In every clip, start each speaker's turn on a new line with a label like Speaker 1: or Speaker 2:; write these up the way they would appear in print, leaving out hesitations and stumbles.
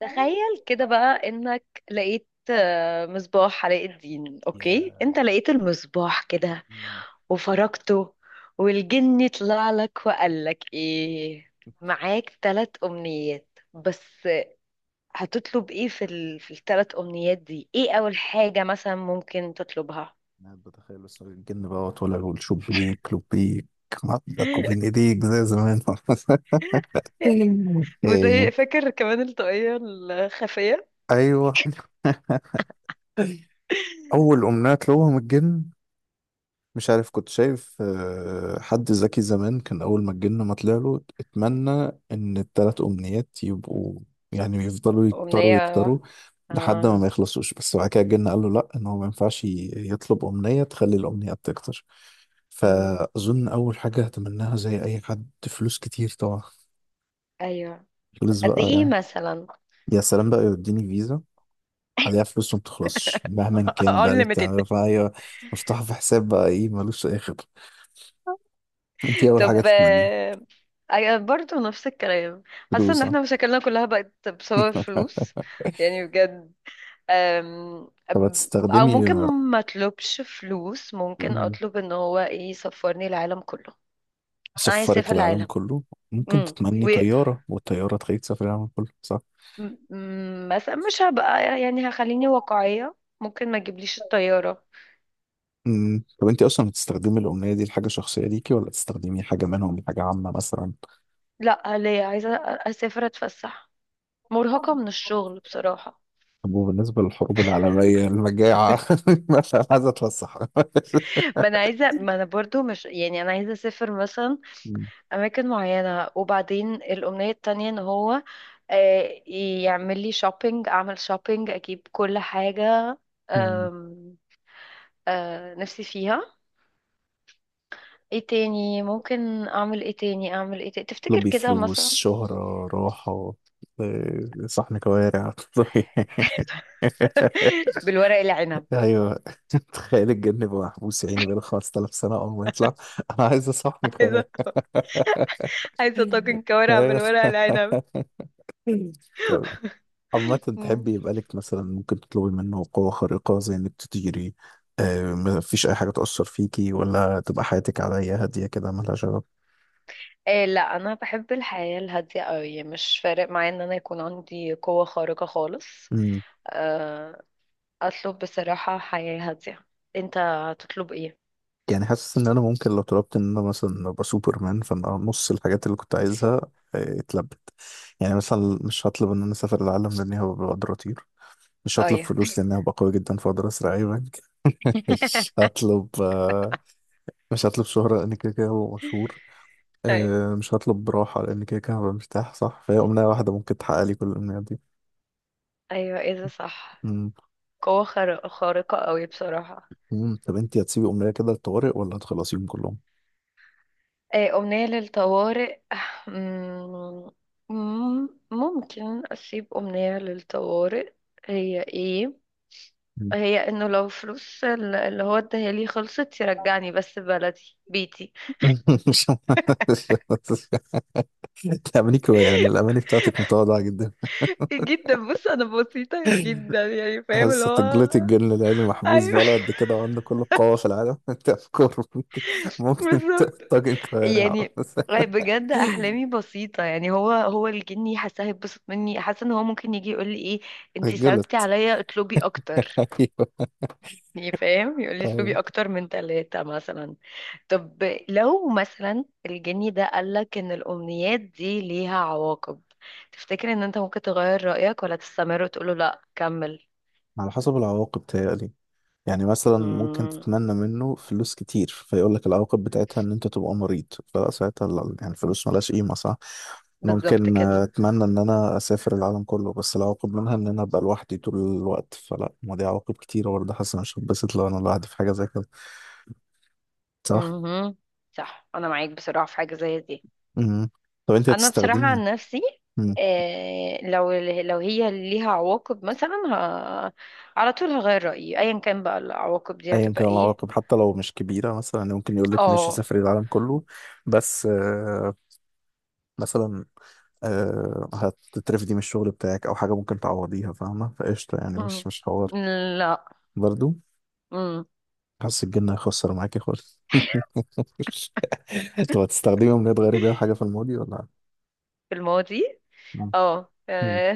Speaker 1: تخيل كده بقى انك لقيت مصباح علاء الدين. اوكي،
Speaker 2: يا
Speaker 1: انت لقيت المصباح كده
Speaker 2: مم.
Speaker 1: وفركته، والجن طلع لك وقال لك ايه، معاك ثلاث امنيات بس. هتطلب ايه في الثلاث امنيات دي؟ ايه اول حاجة مثلا ممكن تطلبها؟
Speaker 2: أنا بتخيل بس الجن بقى ولا والشوب بيك لوب بيك عضك وبين ايديك زي زمان. إيه.
Speaker 1: وزي فاكر كمان الطاقية الخفية.
Speaker 2: ايوه، اول امنيات لهم الجن. مش عارف، كنت شايف حد ذكي زمان كان أول ما الجن ما طلع له اتمنى إن التلات أمنيات يبقوا، يعني يفضلوا يكتروا
Speaker 1: أمنية.
Speaker 2: يكتروا لحد ما
Speaker 1: اه.
Speaker 2: ما يخلصوش. بس بعد كده الجن قال له لأ، إن هو ما ينفعش يطلب أمنية تخلي الأمنيات تكتر.
Speaker 1: مم.
Speaker 2: فأظن أول حاجة هتمناها زي أي حد، فلوس كتير طبعا.
Speaker 1: ايوه.
Speaker 2: فلوس
Speaker 1: قد
Speaker 2: بقى
Speaker 1: ايه
Speaker 2: يعني.
Speaker 1: مثلا؟
Speaker 2: يا سلام بقى، يوديني فيزا عليها فلوس وما بتخلصش مهما كان بقى اللي
Speaker 1: unlimited.
Speaker 2: بتعمله، فهي مفتوحة في حساب بقى، إيه، ملوش أي خطة. أنت إيه أول حاجة
Speaker 1: طب،
Speaker 2: تتمنيها؟
Speaker 1: برضه نفس الكلام. حاسه ان
Speaker 2: فلوس آه.
Speaker 1: احنا مشاكلنا كلها بقت بسبب الفلوس، يعني بجد. أم...
Speaker 2: طب
Speaker 1: أم- او
Speaker 2: هتستخدمي.
Speaker 1: ممكن ما اطلبش فلوس، ممكن
Speaker 2: مم.
Speaker 1: اطلب ان هو ايه، يسفرني العالم كله. انا عايز
Speaker 2: سفرك
Speaker 1: اسافر
Speaker 2: العالم
Speaker 1: العالم.
Speaker 2: كله. ممكن
Speaker 1: امم.
Speaker 2: تتمني
Speaker 1: و
Speaker 2: طيارة والطيارة تخليك تسافر العالم كله، صح؟
Speaker 1: مثلا مش هبقى، يعني هخليني واقعيه، ممكن ما تجيبليش الطياره.
Speaker 2: مم. طب انت اصلا هتستخدمي الأمنية دي لحاجة شخصية ليكي، ولا تستخدمي حاجة منهم لحاجة عامة مثلا؟
Speaker 1: لا، ليه، عايزه اسافر، اتفسح، مرهقه من الشغل بصراحه.
Speaker 2: طب وبالنسبة للحروب العالمية المجاعة؟ مثلا عايزة اتفسح.
Speaker 1: ما انا عايزه، ما انا برضو مش، يعني انا عايزه اسافر مثلا
Speaker 2: مم.
Speaker 1: اماكن معينة. وبعدين الامنية التانية ان هو آه، يعمل لي شوبينج، اعمل شوبينج اجيب كل حاجة
Speaker 2: مم.
Speaker 1: آم، آه، نفسي فيها. ايه تاني ممكن اعمل؟ ايه تاني اعمل؟ ايه تاني تفتكر
Speaker 2: طلبي
Speaker 1: كده
Speaker 2: فلوس،
Speaker 1: مثلا؟
Speaker 2: شهرة، راحة، صحن كوارع.
Speaker 1: بالورق العنب.
Speaker 2: ايوه. تخيل الجن يبقى محبوس يا عيني بقاله 5000 سنه، اول ما يطلع انا عايز اصحنك.
Speaker 1: عايزة، عايزة طاجن كوارع
Speaker 2: ايوه.
Speaker 1: بالورق العنب.
Speaker 2: طب عامة
Speaker 1: مم.
Speaker 2: تحبي يبقى لك مثلا ممكن تطلبي منه قوة خارقة زي انك تطيري؟ ما فيش اي حاجة تأثر فيكي، ولا تبقى حياتك عادية هادية كده مالهاش غرض؟
Speaker 1: إيه؟ لا، انا بحب الحياه الهاديه قوي، مش فارق معايا ان انا يكون عندي قوه خارقه خالص.
Speaker 2: امم
Speaker 1: آه، اطلب بصراحة حياة هادية. انت هتطلب ايه؟
Speaker 2: يعني حاسس ان انا ممكن لو طلبت ان انا مثلا ابقى سوبرمان، فانا نص الحاجات اللي كنت عايزها اتلبت. يعني مثلا مش هطلب ان انا اسافر العالم لاني هبقى بقدراتي. مش هطلب
Speaker 1: ايوه.
Speaker 2: فلوس لأن هبقى قوي جدا فأقدر أسرق أي بنك. مش هطلب مش هطلب شهرة لأن كده كده هبقى مشهور.
Speaker 1: ايوه،
Speaker 2: مش هطلب راحة لأن كده كده هبقى مرتاح، صح؟ فهي أمنية واحدة ممكن تحقق لي كل الأمنيات دي.
Speaker 1: ايوه ايه ده، صح.
Speaker 2: مم.
Speaker 1: قوة خارقة قوي بصراحة.
Speaker 2: مم. طب أنت هتسيبي أمنية كده للطوارئ، ولا هتخلصيهم كلهم؟
Speaker 1: ايه، امنية للطوارئ؟ مم، ممكن اسيب امنية للطوارئ. هي ايه؟
Speaker 2: مم.
Speaker 1: هي انه لو فلوس اللي هو اداها لي خلصت، يرجعني بس بلدي، بيتي.
Speaker 2: مش تأمنيك هو، يعني الأماني بتاعتك متواضعة جدا.
Speaker 1: جدا. بص، انا بسيطة جدا، يعني فاهم اللي
Speaker 2: حاسة
Speaker 1: هو.
Speaker 2: تجلتي الجن العيني محبوس
Speaker 1: ايوه،
Speaker 2: بقى قد كده وعنده كل القوة في العالم. تفكر ممكن
Speaker 1: بالظبط
Speaker 2: طاجن
Speaker 1: يعني.
Speaker 2: كوارع.
Speaker 1: بجد احلامي بسيطه، يعني هو الجني حاسه هيتبسط مني، حاسه ان هو ممكن يجي يقول لي ايه، انتي صعبتي
Speaker 2: تجلط.
Speaker 1: عليا اطلبي اكتر.
Speaker 2: ايوه.
Speaker 1: يعني فاهم، يقول لي
Speaker 2: ايوه،
Speaker 1: اطلبي اكتر من ثلاثه مثلا. طب، لو مثلا الجني ده قال لك ان الامنيات دي ليها عواقب، تفتكر ان انت ممكن تغير رايك، ولا تستمر وتقول له لا كمل؟
Speaker 2: على حسب العواقب تهيألي. يعني مثلا ممكن
Speaker 1: مم،
Speaker 2: تتمنى منه فلوس كتير فيقول لك العواقب بتاعتها ان انت تبقى مريض، فساعتها يعني الفلوس ملهاش قيمة، صح؟
Speaker 1: بالظبط
Speaker 2: ممكن
Speaker 1: كده.
Speaker 2: اتمنى ان انا اسافر العالم كله، بس العواقب منها ان انا ابقى لوحدي طول الوقت، فلا، ما دي عواقب كتيرة برضه. حاسس إن مش هتبسط لو انا لوحدي في حاجة زي كده، صح؟
Speaker 1: مهم. صح، انا معاك بصراحه في حاجه زي دي.
Speaker 2: مم. طب انت
Speaker 1: انا بصراحة
Speaker 2: هتستخدمي.
Speaker 1: عن نفسي،
Speaker 2: مم.
Speaker 1: لو هي ليها عواقب مثلا، على طول هغير رأيي ايا كان بقى العواقب دي
Speaker 2: ايا
Speaker 1: هتبقى
Speaker 2: كان
Speaker 1: ايه.
Speaker 2: العواقب، حتى لو مش كبيرة، مثلا يعني ممكن يقول لك ماشي
Speaker 1: اه.
Speaker 2: سافري العالم كله، بس مثلا هتترفدي من الشغل بتاعك او حاجه ممكن تعوضيها، فاهمه؟ فقشطه يعني،
Speaker 1: مم.
Speaker 2: مش مش حوار.
Speaker 1: لا.
Speaker 2: برضو،
Speaker 1: مم.
Speaker 2: حاسس الجن هيخسر معاكي خالص. طب هتستخدمي امنيه تغيري بيها حاجه في الماضي ولا؟
Speaker 1: في الماضي.
Speaker 2: مم.
Speaker 1: اه،
Speaker 2: مم.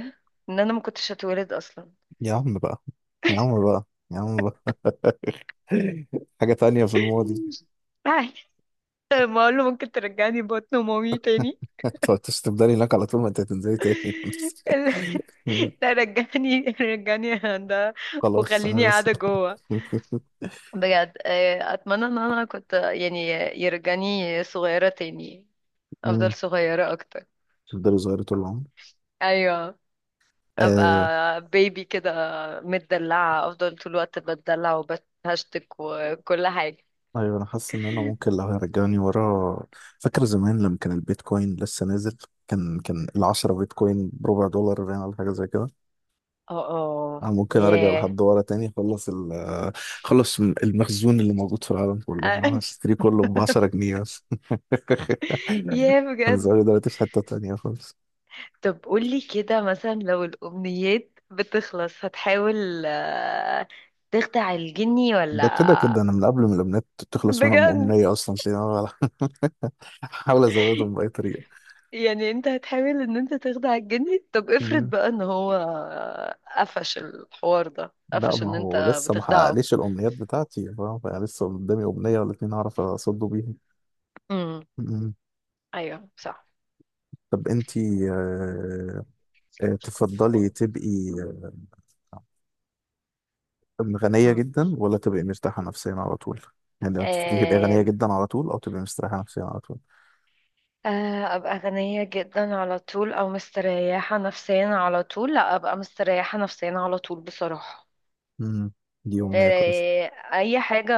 Speaker 1: ان انا ما كنتش هتولد اصلا.
Speaker 2: يا عم بقى، يا عم بقى، يا عم بقى، حاجه تانية في الماضي.
Speaker 1: عادي. ما اقول له ممكن ترجعني بطن مامي تاني.
Speaker 2: انت هتفضلي هناك على طول، ما انت هتنزلي تاني. مم.
Speaker 1: لا، رجعني رجعني يا هندسة،
Speaker 2: خلاص
Speaker 1: وخليني
Speaker 2: انا بس.
Speaker 1: قاعدة جوه. بجد، اتمنى ان انا كنت، يعني يرجعني صغيرة تاني، افضل
Speaker 2: مم.
Speaker 1: صغيرة اكتر.
Speaker 2: تفضلي صغيرة طول العمر.
Speaker 1: ايوه،
Speaker 2: آه،
Speaker 1: ابقى بيبي كده، متدلعة، افضل طول الوقت بتدلع وبتهشتك وكل حاجة.
Speaker 2: ايوه، انا حاسس ان انا ممكن لو هيرجعني ورا. فاكر زمان لما كان البيتكوين لسه نازل، كان العشرة بيتكوين بربع دولار باين، ولا حاجه زي كده.
Speaker 1: اه
Speaker 2: انا
Speaker 1: اه،
Speaker 2: ممكن ارجع
Speaker 1: ياه.
Speaker 2: لحد ورا تاني، اخلص خلص المخزون اللي موجود في العالم كله، انا
Speaker 1: آه،
Speaker 2: هشتري كله ب 10 جنيه بس.
Speaker 1: ياه،
Speaker 2: كان
Speaker 1: بجد.
Speaker 2: زمان، دلوقتي في حته تانيه خالص.
Speaker 1: طب قولي كده، مثلا لو الامنيات بتخلص، هتحاول تخدع الجني ولا؟
Speaker 2: ده كده كده انا من قبل ما الامنيات تخلص منهم
Speaker 1: بجد؟
Speaker 2: امنيه اصلا تلاقيني أنا بحاول. ازودهم باي طريقه.
Speaker 1: يعني انت هتحاول ان انت تخدع الجني. طب افرض بقى ان هو قفش الحوار ده،
Speaker 2: لا،
Speaker 1: قفش
Speaker 2: ما
Speaker 1: ان
Speaker 2: هو
Speaker 1: انت
Speaker 2: لسه ما
Speaker 1: بتخدعه.
Speaker 2: حققليش الامنيات بتاعتي، فاهم؟ فلسه قدامي امنيه ولا اتنين اعرف اصده بيهم.
Speaker 1: امم.
Speaker 2: م- م.
Speaker 1: ايوه صح.
Speaker 2: طب انتي تفضلي تبقي غنيه
Speaker 1: مم.
Speaker 2: جدا، ولا تبقي مرتاحه نفسيا على طول؟ يعني لو تفضلي تبقي غنيه
Speaker 1: آم،
Speaker 2: جدا على طول، او تبقي مرتاحه نفسيا على طول.
Speaker 1: آه، ابقى غنية جدا على طول، او مستريحة نفسيا على طول؟ لا، ابقى مستريحة نفسيا على طول بصراحة.
Speaker 2: م. دي امنيه كويسه.
Speaker 1: اي حاجة،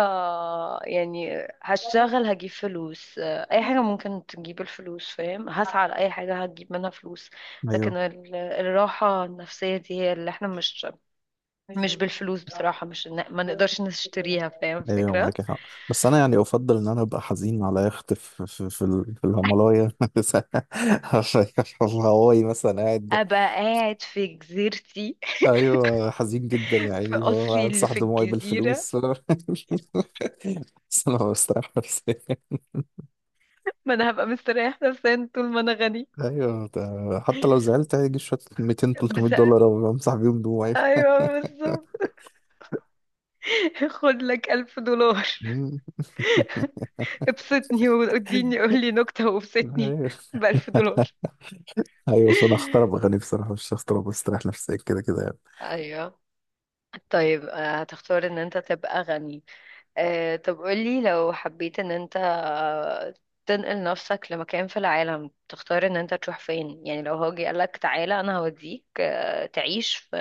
Speaker 1: يعني هشتغل، هجيب فلوس، اي حاجة ممكن تجيب الفلوس، فاهم؟ هسعى لأي حاجة هتجيب منها فلوس.
Speaker 2: ايوه.
Speaker 1: لكن الراحة النفسية دي هي اللي احنا مش، مش بالفلوس بصراحة، مش إن- ما نقدرش نشتريها، فاهم
Speaker 2: ايوه،
Speaker 1: الفكرة.
Speaker 2: معاكي حق. بس انا يعني افضل ان انا ابقى حزين على يخت في في الهيمالايا، في الهواي مثلا قاعد.
Speaker 1: ابقى قاعد في جزيرتي،
Speaker 2: ايوه، حزين جدا يا
Speaker 1: في
Speaker 2: عيني، فاهم؟
Speaker 1: قصري اللي
Speaker 2: امسح
Speaker 1: في
Speaker 2: دموعي
Speaker 1: الجزيرة.
Speaker 2: بالفلوس. بس انا بستريح نفسيا.
Speaker 1: ما انا هبقى مستريح نفسيا طول ما انا غني.
Speaker 2: ايوه، ده حتى لو زعلت هيجي شويه 200 300
Speaker 1: بس.
Speaker 2: دولار او امسح بيهم دموعي.
Speaker 1: ايوه، بالظبط. خد لك ألف دولار.
Speaker 2: مم.
Speaker 1: ابسطني، واديني قولي نكتة وابسطني،
Speaker 2: ايوه.
Speaker 1: بألف دولار.
Speaker 2: ايوه، فانا اختار ابقى غني بصراحه، مش هختار ابقى استريح نفسيا كده كده يعني.
Speaker 1: ايوه. طيب، هتختار ان انت تبقى غني. أه طب قولي، لو حبيت ان انت تنقل نفسك لمكان في العالم، تختار ان انت تروح فين؟ يعني لو هو جه قالك تعالى انا هوديك تعيش في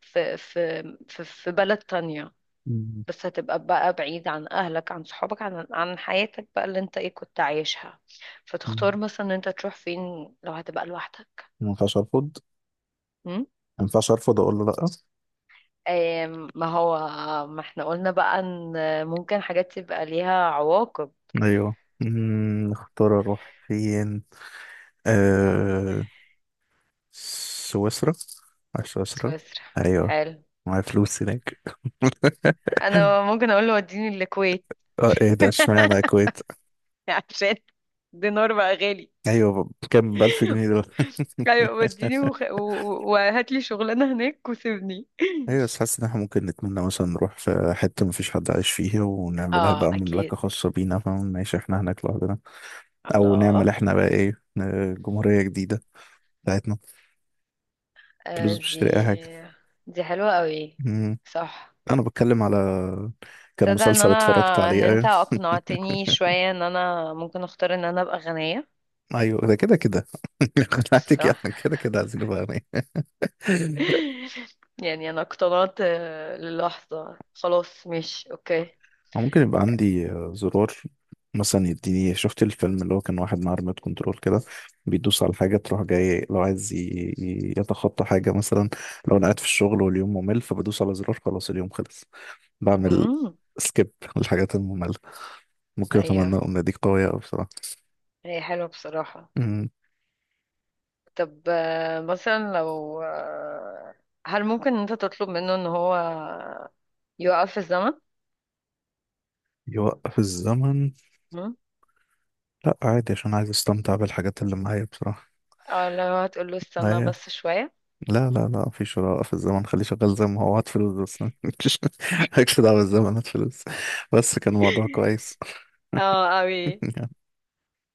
Speaker 1: في بلد تانية،
Speaker 2: مم.
Speaker 1: بس هتبقى بقى بعيد عن أهلك، عن صحابك، عن عن حياتك بقى اللي انت ايه كنت عايشها،
Speaker 2: مم.
Speaker 1: فتختار مثلا ان انت تروح فين لو هتبقى لوحدك؟
Speaker 2: ما ينفعش ارفض.
Speaker 1: م?
Speaker 2: ما ينفعش ارفض، اقول له لا.
Speaker 1: آم، ما هو، ما احنا قلنا بقى ان ممكن حاجات تبقى ليها عواقب.
Speaker 2: ايوه. اختار اروح فين. آه... سويسرا. على سويسرا.
Speaker 1: سويسرا.
Speaker 2: ايوه،
Speaker 1: حلو.
Speaker 2: معايا فلوس هناك.
Speaker 1: انا ممكن اقول له وديني الكويت،
Speaker 2: اه، ايه ده، اشمعنى الكويت؟
Speaker 1: عشان دينار بقى غالي.
Speaker 2: ايوه، كام؟ ب 1000 جنيه دول.
Speaker 1: ايوه، وديني وهات لي شغلانه هناك وسيبني.
Speaker 2: ايوه، بس حاسس ان احنا ممكن نتمنى مثلا نروح في حته مفيش حد عايش فيها، ونعملها
Speaker 1: اه
Speaker 2: بقى مملكه
Speaker 1: اكيد.
Speaker 2: خاصه بينا، فاهم؟ نعيش احنا هناك لوحدنا. او
Speaker 1: الله.
Speaker 2: نعمل احنا بقى ايه، جمهوريه جديده بتاعتنا،
Speaker 1: آه،
Speaker 2: فلوس، مش تلاقي اي
Speaker 1: دي
Speaker 2: حاجه.
Speaker 1: دي حلوة قوي.
Speaker 2: مم.
Speaker 1: صح.
Speaker 2: انا بتكلم على كان
Speaker 1: تصدق ان
Speaker 2: مسلسل اتفرجت
Speaker 1: انا، ان
Speaker 2: عليه.
Speaker 1: انت
Speaker 2: ايوه.
Speaker 1: اقنعتني شوية ان انا ممكن اختار ان انا ابقى غنية.
Speaker 2: ايوه، ده كده كده. خلعتك
Speaker 1: صح.
Speaker 2: يعني، كده كده عايزين نبقى أغنياء.
Speaker 1: يعني انا اقتنعت للحظة. خلاص مش اوكي.
Speaker 2: أو ممكن يبقى عندي زرار، مثلا يديني. شفت الفيلم اللي هو كان واحد معاه ريموت كنترول كده، بيدوس على حاجة تروح جاي لو عايز يتخطى حاجة مثلا. لو أنا قاعد في الشغل واليوم ممل، فبدوس على زرار، خلاص اليوم خلص. بعمل
Speaker 1: امم.
Speaker 2: سكيب للحاجات المملة. ممكن أتمنى
Speaker 1: ايوه،
Speaker 2: أن دي قوية أوي بصراحة.
Speaker 1: هي حلوة بصراحة.
Speaker 2: أمم،
Speaker 1: طب آه، مثلا لو آه، هل ممكن ان انت تطلب منه ان هو يوقف الزمن؟
Speaker 2: يوقف الزمن؟
Speaker 1: مم؟
Speaker 2: لا عادي، عشان عايز أستمتع بالحاجات اللي معايا بصراحة.
Speaker 1: او لو هتقول له استنى
Speaker 2: أيوة.
Speaker 1: بس شوية.
Speaker 2: لا لا لا، مفيش ولا في الزمن، خليه شغال زي ما هو، هات فلوس بس. مالكش دعوة بالزمن، هات فلوس. بس كان الموضوع كويس.
Speaker 1: اه، اوي.